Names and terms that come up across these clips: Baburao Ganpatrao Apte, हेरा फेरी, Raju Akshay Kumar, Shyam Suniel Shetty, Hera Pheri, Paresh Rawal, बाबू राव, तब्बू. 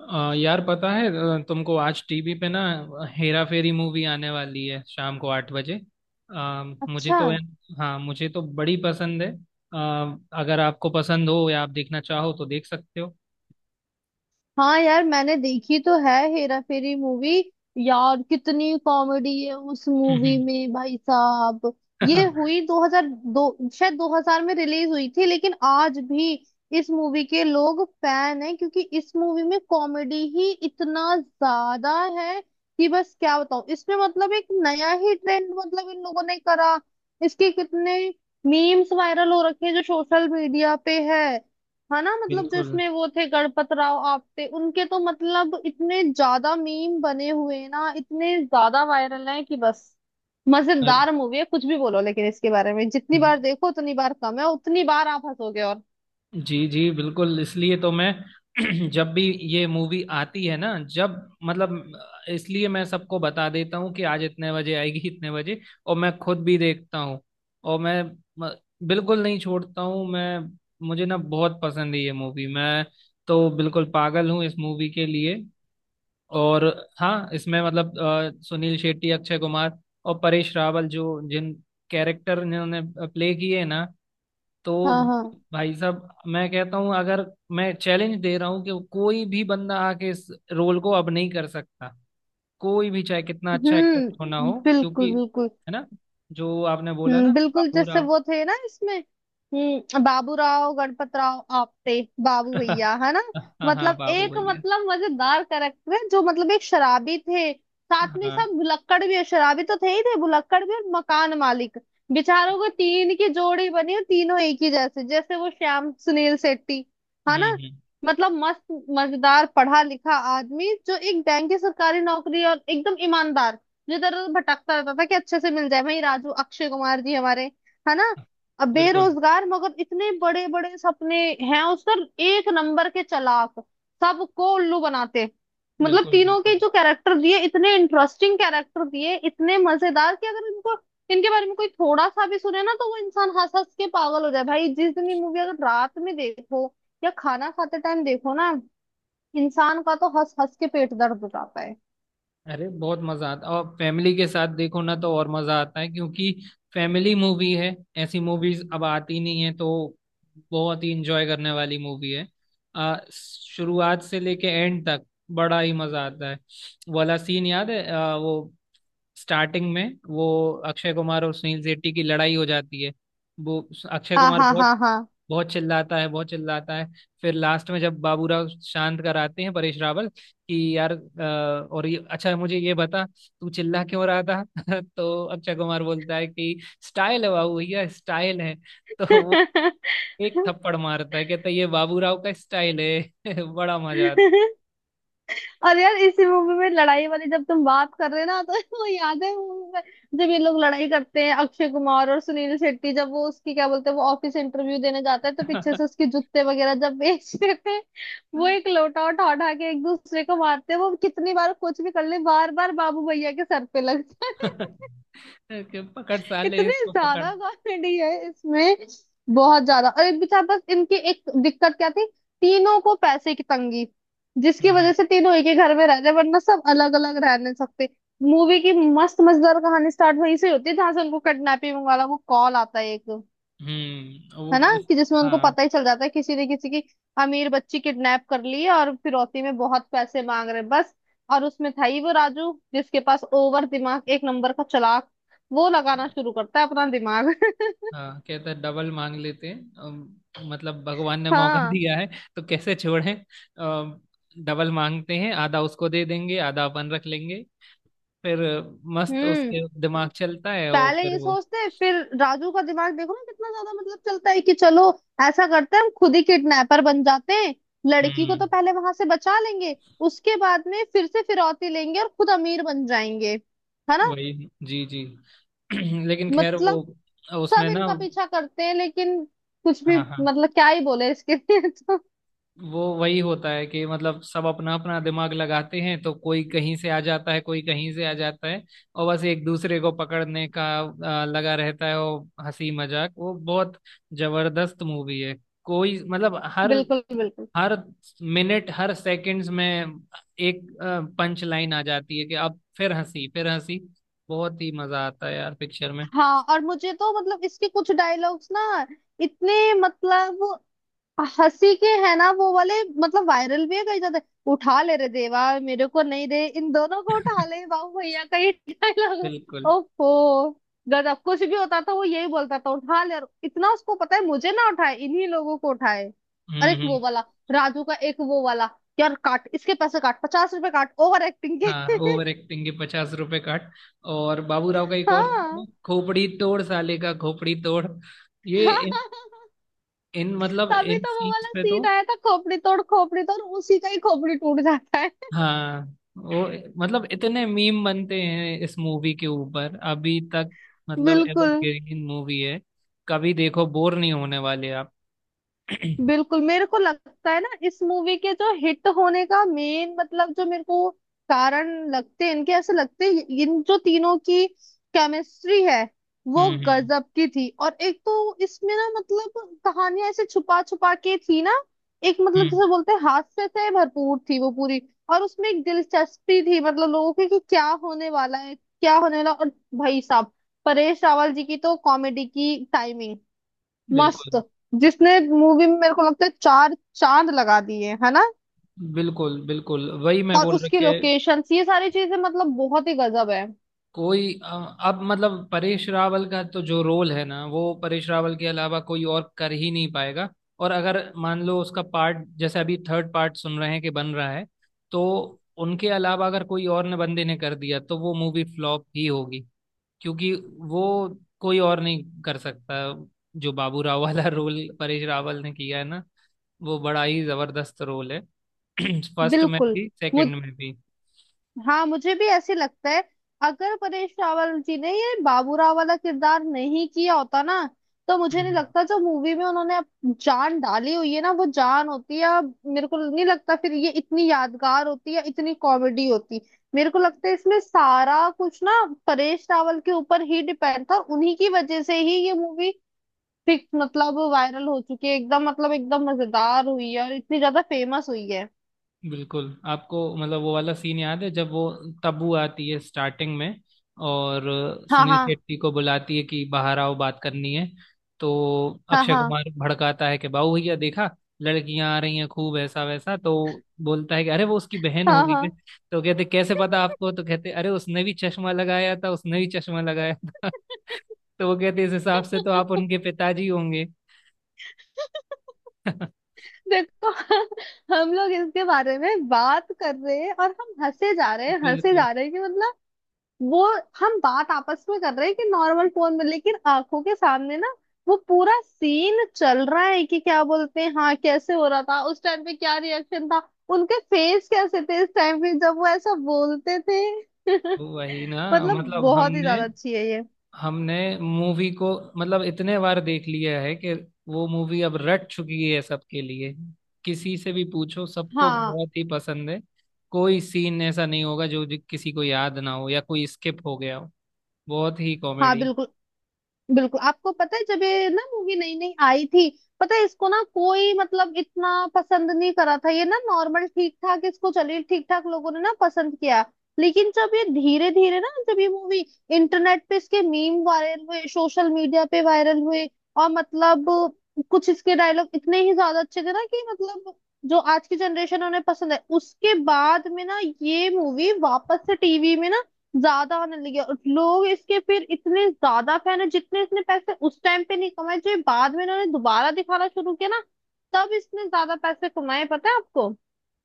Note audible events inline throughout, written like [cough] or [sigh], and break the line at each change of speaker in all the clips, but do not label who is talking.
यार पता है तुमको, आज टीवी पे ना हेरा फेरी मूवी आने वाली है शाम को 8 बजे। अ, मुझे
अच्छा।
तो हाँ, मुझे तो बड़ी पसंद है। अ, अगर आपको पसंद हो या आप देखना चाहो तो देख सकते हो।
हाँ यार, मैंने देखी तो है हेरा फेरी मूवी। यार कितनी कॉमेडी है उस मूवी में भाई साहब। ये हुई
[laughs]
2002, शायद 2000 में रिलीज हुई थी, लेकिन आज भी इस मूवी के लोग फैन हैं क्योंकि इस मूवी में कॉमेडी ही इतना ज्यादा है कि बस क्या बताऊं। इसमें मतलब एक नया ही ट्रेंड मतलब इन लोगों ने करा। इसके कितने मीम्स वायरल हो रखे हैं जो सोशल मीडिया पे है। है ना, मतलब जो
बिल्कुल।
इसमें वो थे गणपत राव आप्टे, उनके तो मतलब इतने ज्यादा मीम बने हुए हैं ना, इतने ज्यादा वायरल हैं कि बस। मजेदार मूवी है, कुछ भी बोलो, लेकिन इसके बारे में जितनी बार देखो उतनी बार कम है, उतनी बार आप हंसोगे। और
जी जी, बिल्कुल, इसलिए तो मैं, [clears throat] जब भी ये मूवी आती है ना, जब मतलब, इसलिए मैं सबको बता देता हूँ कि आज इतने बजे आएगी, [laughs] इतने बजे, और मैं खुद भी देखता हूँ। और मैं म- बिल्कुल नहीं छोड़ता हूँ मैं। मुझे ना बहुत पसंद है ये मूवी। मैं तो बिल्कुल पागल हूँ इस मूवी के लिए। और हाँ, इसमें मतलब सुनील शेट्टी, अक्षय कुमार और परेश रावल, जो जिन कैरेक्टर इन्होंने प्ले किए ना, तो
हाँ हाँ।
भाई साहब, मैं कहता हूँ, अगर मैं चैलेंज दे रहा हूँ कि कोई भी बंदा आके इस रोल को अब नहीं कर सकता। कोई भी, चाहे कितना अच्छा एक्टर क्यों ना
हम्म,
हो,
बिल्कुल
क्योंकि,
बिल्कुल।
है ना, जो आपने बोला ना,
बिल्कुल,
बाबू
जैसे
राव।
वो थे ना इसमें, हम्म, बाबूराव गणपतराव आपटे, बाबू
[laughs]
भैया, है ना।
हाँ हाँ,
मतलब
बाबू
एक
भैया।
मतलब मजेदार करेक्टर है जो मतलब एक शराबी थे। साथ में
हाँ।
सब भुलक्कड़ भी है। शराबी तो थे ही थे, भुलक्कड़ भी और मकान मालिक। बेचारों को तीन की जोड़ी बनी और तीनों एक ही जैसे, जैसे वो श्याम सुनील शेट्टी, है ना।
हम्म।
मतलब मस्त मजेदार पढ़ा लिखा आदमी, जो एक बैंक की सरकारी नौकरी, और एकदम ईमानदार, जो इधर उधर भटकता रहता था कि अच्छे से मिल जाए भाई राजू, अक्षय कुमार जी हमारे, है ना।
हाँ,
अब
बिल्कुल
बेरोजगार मगर इतने बड़े बड़े सपने हैं उसका, एक नंबर के चालाक, सबको उल्लू बनाते। मतलब
बिल्कुल।
तीनों के
बिल्कुल।
जो कैरेक्टर दिए, इतने इंटरेस्टिंग कैरेक्टर दिए, इतने मजेदार कि अगर इनको, इनके बारे में कोई थोड़ा सा भी सुने ना, तो वो इंसान हंस हंस के पागल हो जाए भाई। जिस दिन ये मूवी अगर रात में देखो या खाना खाते टाइम देखो ना, इंसान का तो हंस हंस के पेट दर्द हो जाता है।
अरे, बहुत मजा आता है, और फैमिली के साथ देखो ना तो और मजा आता है, क्योंकि फैमिली मूवी है। ऐसी मूवीज अब आती नहीं है, तो बहुत ही इंजॉय करने वाली मूवी है। शुरुआत से लेके एंड तक बड़ा ही मजा आता है। वो वाला सीन याद है, वो स्टार्टिंग में, वो अक्षय कुमार और सुनील शेट्टी की लड़ाई हो जाती है। वो अक्षय
हाँ
कुमार
हाँ
बहुत
हाँ हाँ।
बहुत चिल्लाता है, बहुत चिल्लाता है। फिर लास्ट में जब बाबूराव शांत कराते हैं, परेश रावल, कि यार, और ये, अच्छा मुझे ये बता तू चिल्ला क्यों रहा था। [laughs] तो अक्षय कुमार बोलता है कि स्टाइल है बाबू भैया, स्टाइल है। [laughs] तो वो एक थप्पड़ मारता है, कहता है ये बाबूराव का स्टाइल है। [laughs] बड़ा मजा
और यार इसी मूवी में लड़ाई वाली, जब तुम बात कर रहे ना तो [laughs] वो याद है मूवी में, जब ये लोग लड़ाई करते हैं अक्षय कुमार और सुनील शेट्टी, जब वो उसकी क्या बोलते हैं, वो ऑफिस इंटरव्यू देने जाता है तो पीछे
आता
से उसके जूते वगैरह जब बेच देते हैं। वो एक लोटा उठा उठा के एक दूसरे को मारते हैं, वो कितनी बार कुछ भी कर ले, बार बार बाबू भैया के सर पे लगता
है।
है।
[laughs] कि पकड़, साले
इतने
इसको पकड़।
ज्यादा कॉमेडी है इसमें, बहुत ज्यादा। और एक बेचारा बस, इनकी एक दिक्कत क्या थी, तीनों को पैसे की तंगी, जिसकी
हम्म।
वजह से तीनों एक ही घर में रह रहे, वरना सब अलग अलग रह नहीं सकते। मूवी की मस्त मजेदार कहानी स्टार्ट वहीं से होती है जहां से उनको किडनैपिंग वाला वो कॉल आता है एक, है ना,
वो,
कि जिसमें उनको
हाँ
पता ही चल जाता है किसी ने किसी की अमीर बच्ची किडनैप कर ली है और फिरौती में बहुत पैसे मांग रहे हैं बस। और उसमें था ही वो राजू, जिसके पास ओवर दिमाग, एक नंबर का चालाक, वो लगाना शुरू करता है अपना दिमाग।
हाँ, कहते हैं डबल मांग लेते हैं। मतलब भगवान ने मौका
हाँ,
दिया है, तो कैसे छोड़ें। अम, डबल मांगते हैं, आधा उसको दे देंगे, आधा अपन रख लेंगे। फिर मस्त
हम्म।
उसके दिमाग चलता है, और
पहले
फिर
ये
वो,
सोचते हैं, फिर राजू का दिमाग देखो ना कितना ज्यादा मतलब चलता है कि चलो ऐसा करते हैं, हम खुद ही किडनैपर बन जाते हैं। लड़की को
हम्म।
तो पहले वहां से बचा लेंगे, उसके बाद में फिर से फिरौती लेंगे और खुद अमीर बन जाएंगे, है ना।
वही, जी जी। [clears throat] लेकिन खैर, वो
मतलब
उसमें
सब
ना,
इनका पीछा करते हैं लेकिन कुछ भी,
हाँ हाँ,
मतलब क्या ही बोले इसके लिए। [laughs] तो
वो वही होता है कि मतलब, सब अपना अपना दिमाग लगाते हैं, तो कोई कहीं से आ जाता है, कोई कहीं से आ जाता है। और बस एक दूसरे को पकड़ने का लगा रहता है। वो हंसी मजाक, वो बहुत जबरदस्त मूवी है। कोई मतलब, हर
बिल्कुल बिल्कुल।
हर मिनट, हर सेकंड्स में एक पंच लाइन आ जाती है, कि अब फिर हंसी, फिर हंसी। बहुत ही मजा आता है यार पिक्चर में।
हाँ और मुझे तो मतलब इसके कुछ डायलॉग्स ना, इतने मतलब हंसी के, है ना, वो वाले मतलब वायरल भी है कई ज्यादा। उठा ले रे देवा, मेरे को नहीं दे, इन दोनों को
[laughs]
उठा ले, बाबू भैया का ये डायलॉग।
बिल्कुल।
ओफो, गजब, कुछ भी होता था वो यही बोलता था उठा ले, और इतना उसको पता है मुझे ना उठाए, इन्हीं लोगों को उठाए। और एक
हम्म
वो
हम्म।
वाला, राजू का एक वो वाला, यार काट इसके पैसे काट, 50 रुपए काट ओवर एक्टिंग
हाँ,
के। [laughs]
ओवर एक्टिंग के 50 रुपए काट। और बाबूराव का एक और था,
हाँ।
खोपड़ी तोड़, साले का खोपड़ी तोड़। ये इन,
[laughs]
इन मतलब
तभी
इन
तो वो
सीन्स
वाला
पे तो,
सीन आया था, खोपड़ी तोड़ खोपड़ी तोड़, उसी का ही खोपड़ी टूट जाता है।
हाँ, वो, मतलब इतने मीम बनते हैं इस मूवी के ऊपर अभी तक।
[laughs]
मतलब
बिल्कुल।
एवरग्रीन मूवी है, कभी देखो बोर नहीं होने वाले आप। [clears throat] हम्म
बिल्कुल मेरे को लगता है ना इस मूवी के जो हिट होने का मेन मतलब जो मेरे को कारण लगते हैं, इनके ऐसे लगते हैं, इन जो तीनों की केमिस्ट्री है वो
हम्म।
गजब की थी। और एक तो इसमें ना मतलब कहानियां ऐसे छुपा छुपा के थी ना, एक मतलब
हम्म,
जैसे बोलते हैं हास्य से भरपूर थी वो पूरी। और उसमें एक दिलचस्पी थी मतलब लोगों की कि क्या होने वाला है क्या होने वाला। और भाई साहब परेश रावल जी की तो कॉमेडी की टाइमिंग
बिल्कुल
मस्त, जिसने मूवी में मेरे को लगता है चार चांद लगा दिए, है ना।
बिल्कुल। बिल्कुल वही मैं
और
बोल
उसकी
रखे।
लोकेशन ये सारी चीजें मतलब बहुत ही गजब है।
कोई, अब मतलब, परेश रावल का तो जो रोल है ना, वो परेश रावल के अलावा कोई और कर ही नहीं पाएगा। और अगर मान लो उसका पार्ट, जैसे अभी थर्ड पार्ट सुन रहे हैं कि बन रहा है, तो उनके अलावा अगर कोई और ने, बंदे ने कर दिया, तो वो मूवी फ्लॉप ही होगी, क्योंकि वो कोई और नहीं कर सकता। जो बाबू राव वाला रोल परेश रावल ने किया है ना, वो बड़ा ही जबरदस्त रोल है। [clears throat] फर्स्ट में
बिल्कुल।
भी, सेकंड में भी।
हाँ मुझे भी ऐसे लगता है, अगर परेश रावल जी ने ये बाबूराव वाला किरदार नहीं किया होता ना, तो मुझे
हम्म
नहीं
हम्म।
लगता जो मूवी में उन्होंने अब जान डाली हुई है ना वो जान होती। है अब मेरे को नहीं लगता फिर ये इतनी यादगार होती, है इतनी कॉमेडी होती। मेरे को लगता है इसमें सारा कुछ ना परेश रावल के ऊपर ही डिपेंड था, और उन्हीं की वजह से ही ये मूवी फिक्स मतलब वायरल हो चुकी है एकदम, मतलब एकदम मजेदार हुई है और इतनी ज्यादा फेमस हुई है।
बिल्कुल, आपको, मतलब, वो वाला सीन याद है, जब वो तब्बू आती है स्टार्टिंग में, और
हाँ
सुनील
हाँ
शेट्टी को बुलाती है कि बाहर आओ, बात करनी है। तो
हाँ
अक्षय
हाँ
कुमार भड़काता है, कि बाबू भैया देखा, लड़कियां आ रही हैं, खूब ऐसा वैसा। तो बोलता है कि अरे, वो उसकी बहन
हाँ
होगी बे।
हाँ।
तो कहते कैसे पता आपको? तो कहते, अरे, उसने भी चश्मा लगाया था, उसने भी चश्मा लगाया था। [laughs] तो वो कहते, इस हिसाब से तो आप उनके
[laughs]
पिताजी होंगे। [laughs]
देखो, हम लोग इसके बारे में बात कर रहे हैं और हम हंसे जा रहे हैं हंसे
बिल्कुल।
जा रहे हैं, कि मतलब वो, हम बात आपस में कर रहे हैं कि नॉर्मल फोन में, लेकिन आंखों के सामने ना वो पूरा सीन चल रहा है, कि क्या बोलते हैं हाँ, कैसे हो रहा था उस टाइम पे, क्या रिएक्शन था उनके, फेस कैसे थे इस टाइम पे जब वो ऐसा बोलते थे। [laughs]
वही ना,
मतलब
मतलब
बहुत ही
हमने
ज्यादा अच्छी है ये।
हमने मूवी को, मतलब इतने बार देख लिया है कि वो मूवी अब रट चुकी है सबके लिए। किसी से भी पूछो, सबको
हाँ
बहुत ही पसंद है। कोई सीन ऐसा नहीं होगा जो जो किसी को याद ना हो, या कोई स्किप हो गया हो। बहुत ही
हाँ
कॉमेडी।
बिल्कुल। बिल्कुल आपको पता है जब ये ना मूवी नई नई आई थी, पता है, इसको ना कोई मतलब इतना पसंद नहीं करा था, ये ना नॉर्मल ठीक ठाक, इसको चलिए ठीक ठाक लोगों ने ना पसंद किया। लेकिन जब ये धीरे धीरे ना, जब ये मूवी इंटरनेट पे, इसके मीम वायरल हुए सोशल मीडिया पे वायरल हुए, और मतलब कुछ इसके डायलॉग इतने ही ज्यादा अच्छे थे ना, कि मतलब जो आज की जनरेशन उन्हें पसंद है, उसके बाद में ना ये मूवी वापस से टीवी में ना ज्यादा होने लगी है। और लोग इसके फिर इतने ज्यादा फैन है, जितने इसने पैसे उस टाइम पे नहीं कमाए, जो ये बाद में इन्होंने दोबारा दिखाना शुरू किया ना, तब इसने ज्यादा पैसे कमाए, पता है आपको।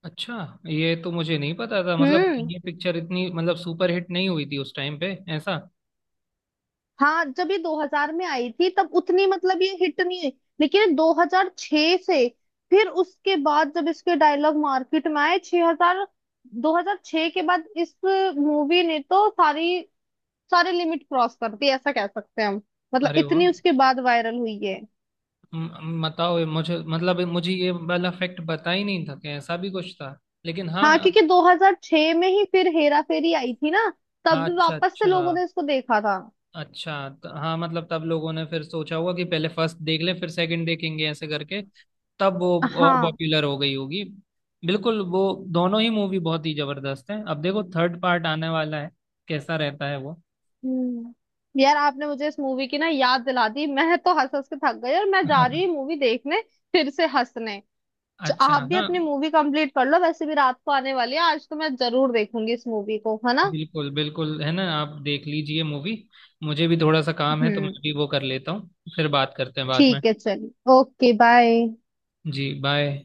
अच्छा, ये तो मुझे नहीं पता था, मतलब
हम्म।
ये पिक्चर इतनी, मतलब, सुपर हिट नहीं हुई थी उस टाइम पे, ऐसा?
हाँ जब ये 2000 में आई थी तब उतनी मतलब ये हिट नहीं हुई, लेकिन 2006 से फिर उसके बाद जब इसके डायलॉग मार्केट में आए, 6000 2006 के बाद इस मूवी ने तो सारी सारे लिमिट क्रॉस कर दी ऐसा कह सकते हैं हम। मतलब
अरे वाह।
इतनी उसके बाद वायरल हुई है।
बताओ, ये मुझे, मतलब मुझे ये वाला फैक्ट पता ही नहीं था कि ऐसा भी कुछ था। लेकिन
हाँ
हाँ।
क्योंकि 2006 में ही फिर हेरा फेरी आई थी ना, तब
हाँ,
भी
अच्छा
वापस से लोगों
अच्छा।
ने इसको देखा था।
अच्छा, तो हाँ, मतलब तब लोगों ने फिर सोचा होगा कि पहले फर्स्ट देख ले, फिर सेकंड देखेंगे, ऐसे करके तब वो और
हाँ।
पॉपुलर हो गई होगी। बिल्कुल, वो दोनों ही मूवी बहुत ही जबरदस्त है। अब देखो थर्ड पार्ट आने वाला है, कैसा रहता है वो।
यार, आपने मुझे इस मूवी की ना याद दिला दी, मैं तो हंस हंस के थक गई, और मैं जा रही हूँ
[laughs]
मूवी देखने फिर से हंसने।
अच्छा,
आप भी
हाँ,
अपनी मूवी कंप्लीट कर लो, वैसे भी रात को आने वाली है, आज तो मैं जरूर देखूंगी इस मूवी को, है ना।
बिल्कुल बिल्कुल। है ना, आप देख लीजिए मूवी, मुझे भी थोड़ा सा काम है, तो मैं
हम्म।
भी वो कर लेता हूँ। फिर बात करते हैं बाद में।
ठीक है चलिए, ओके बाय।
जी, बाय।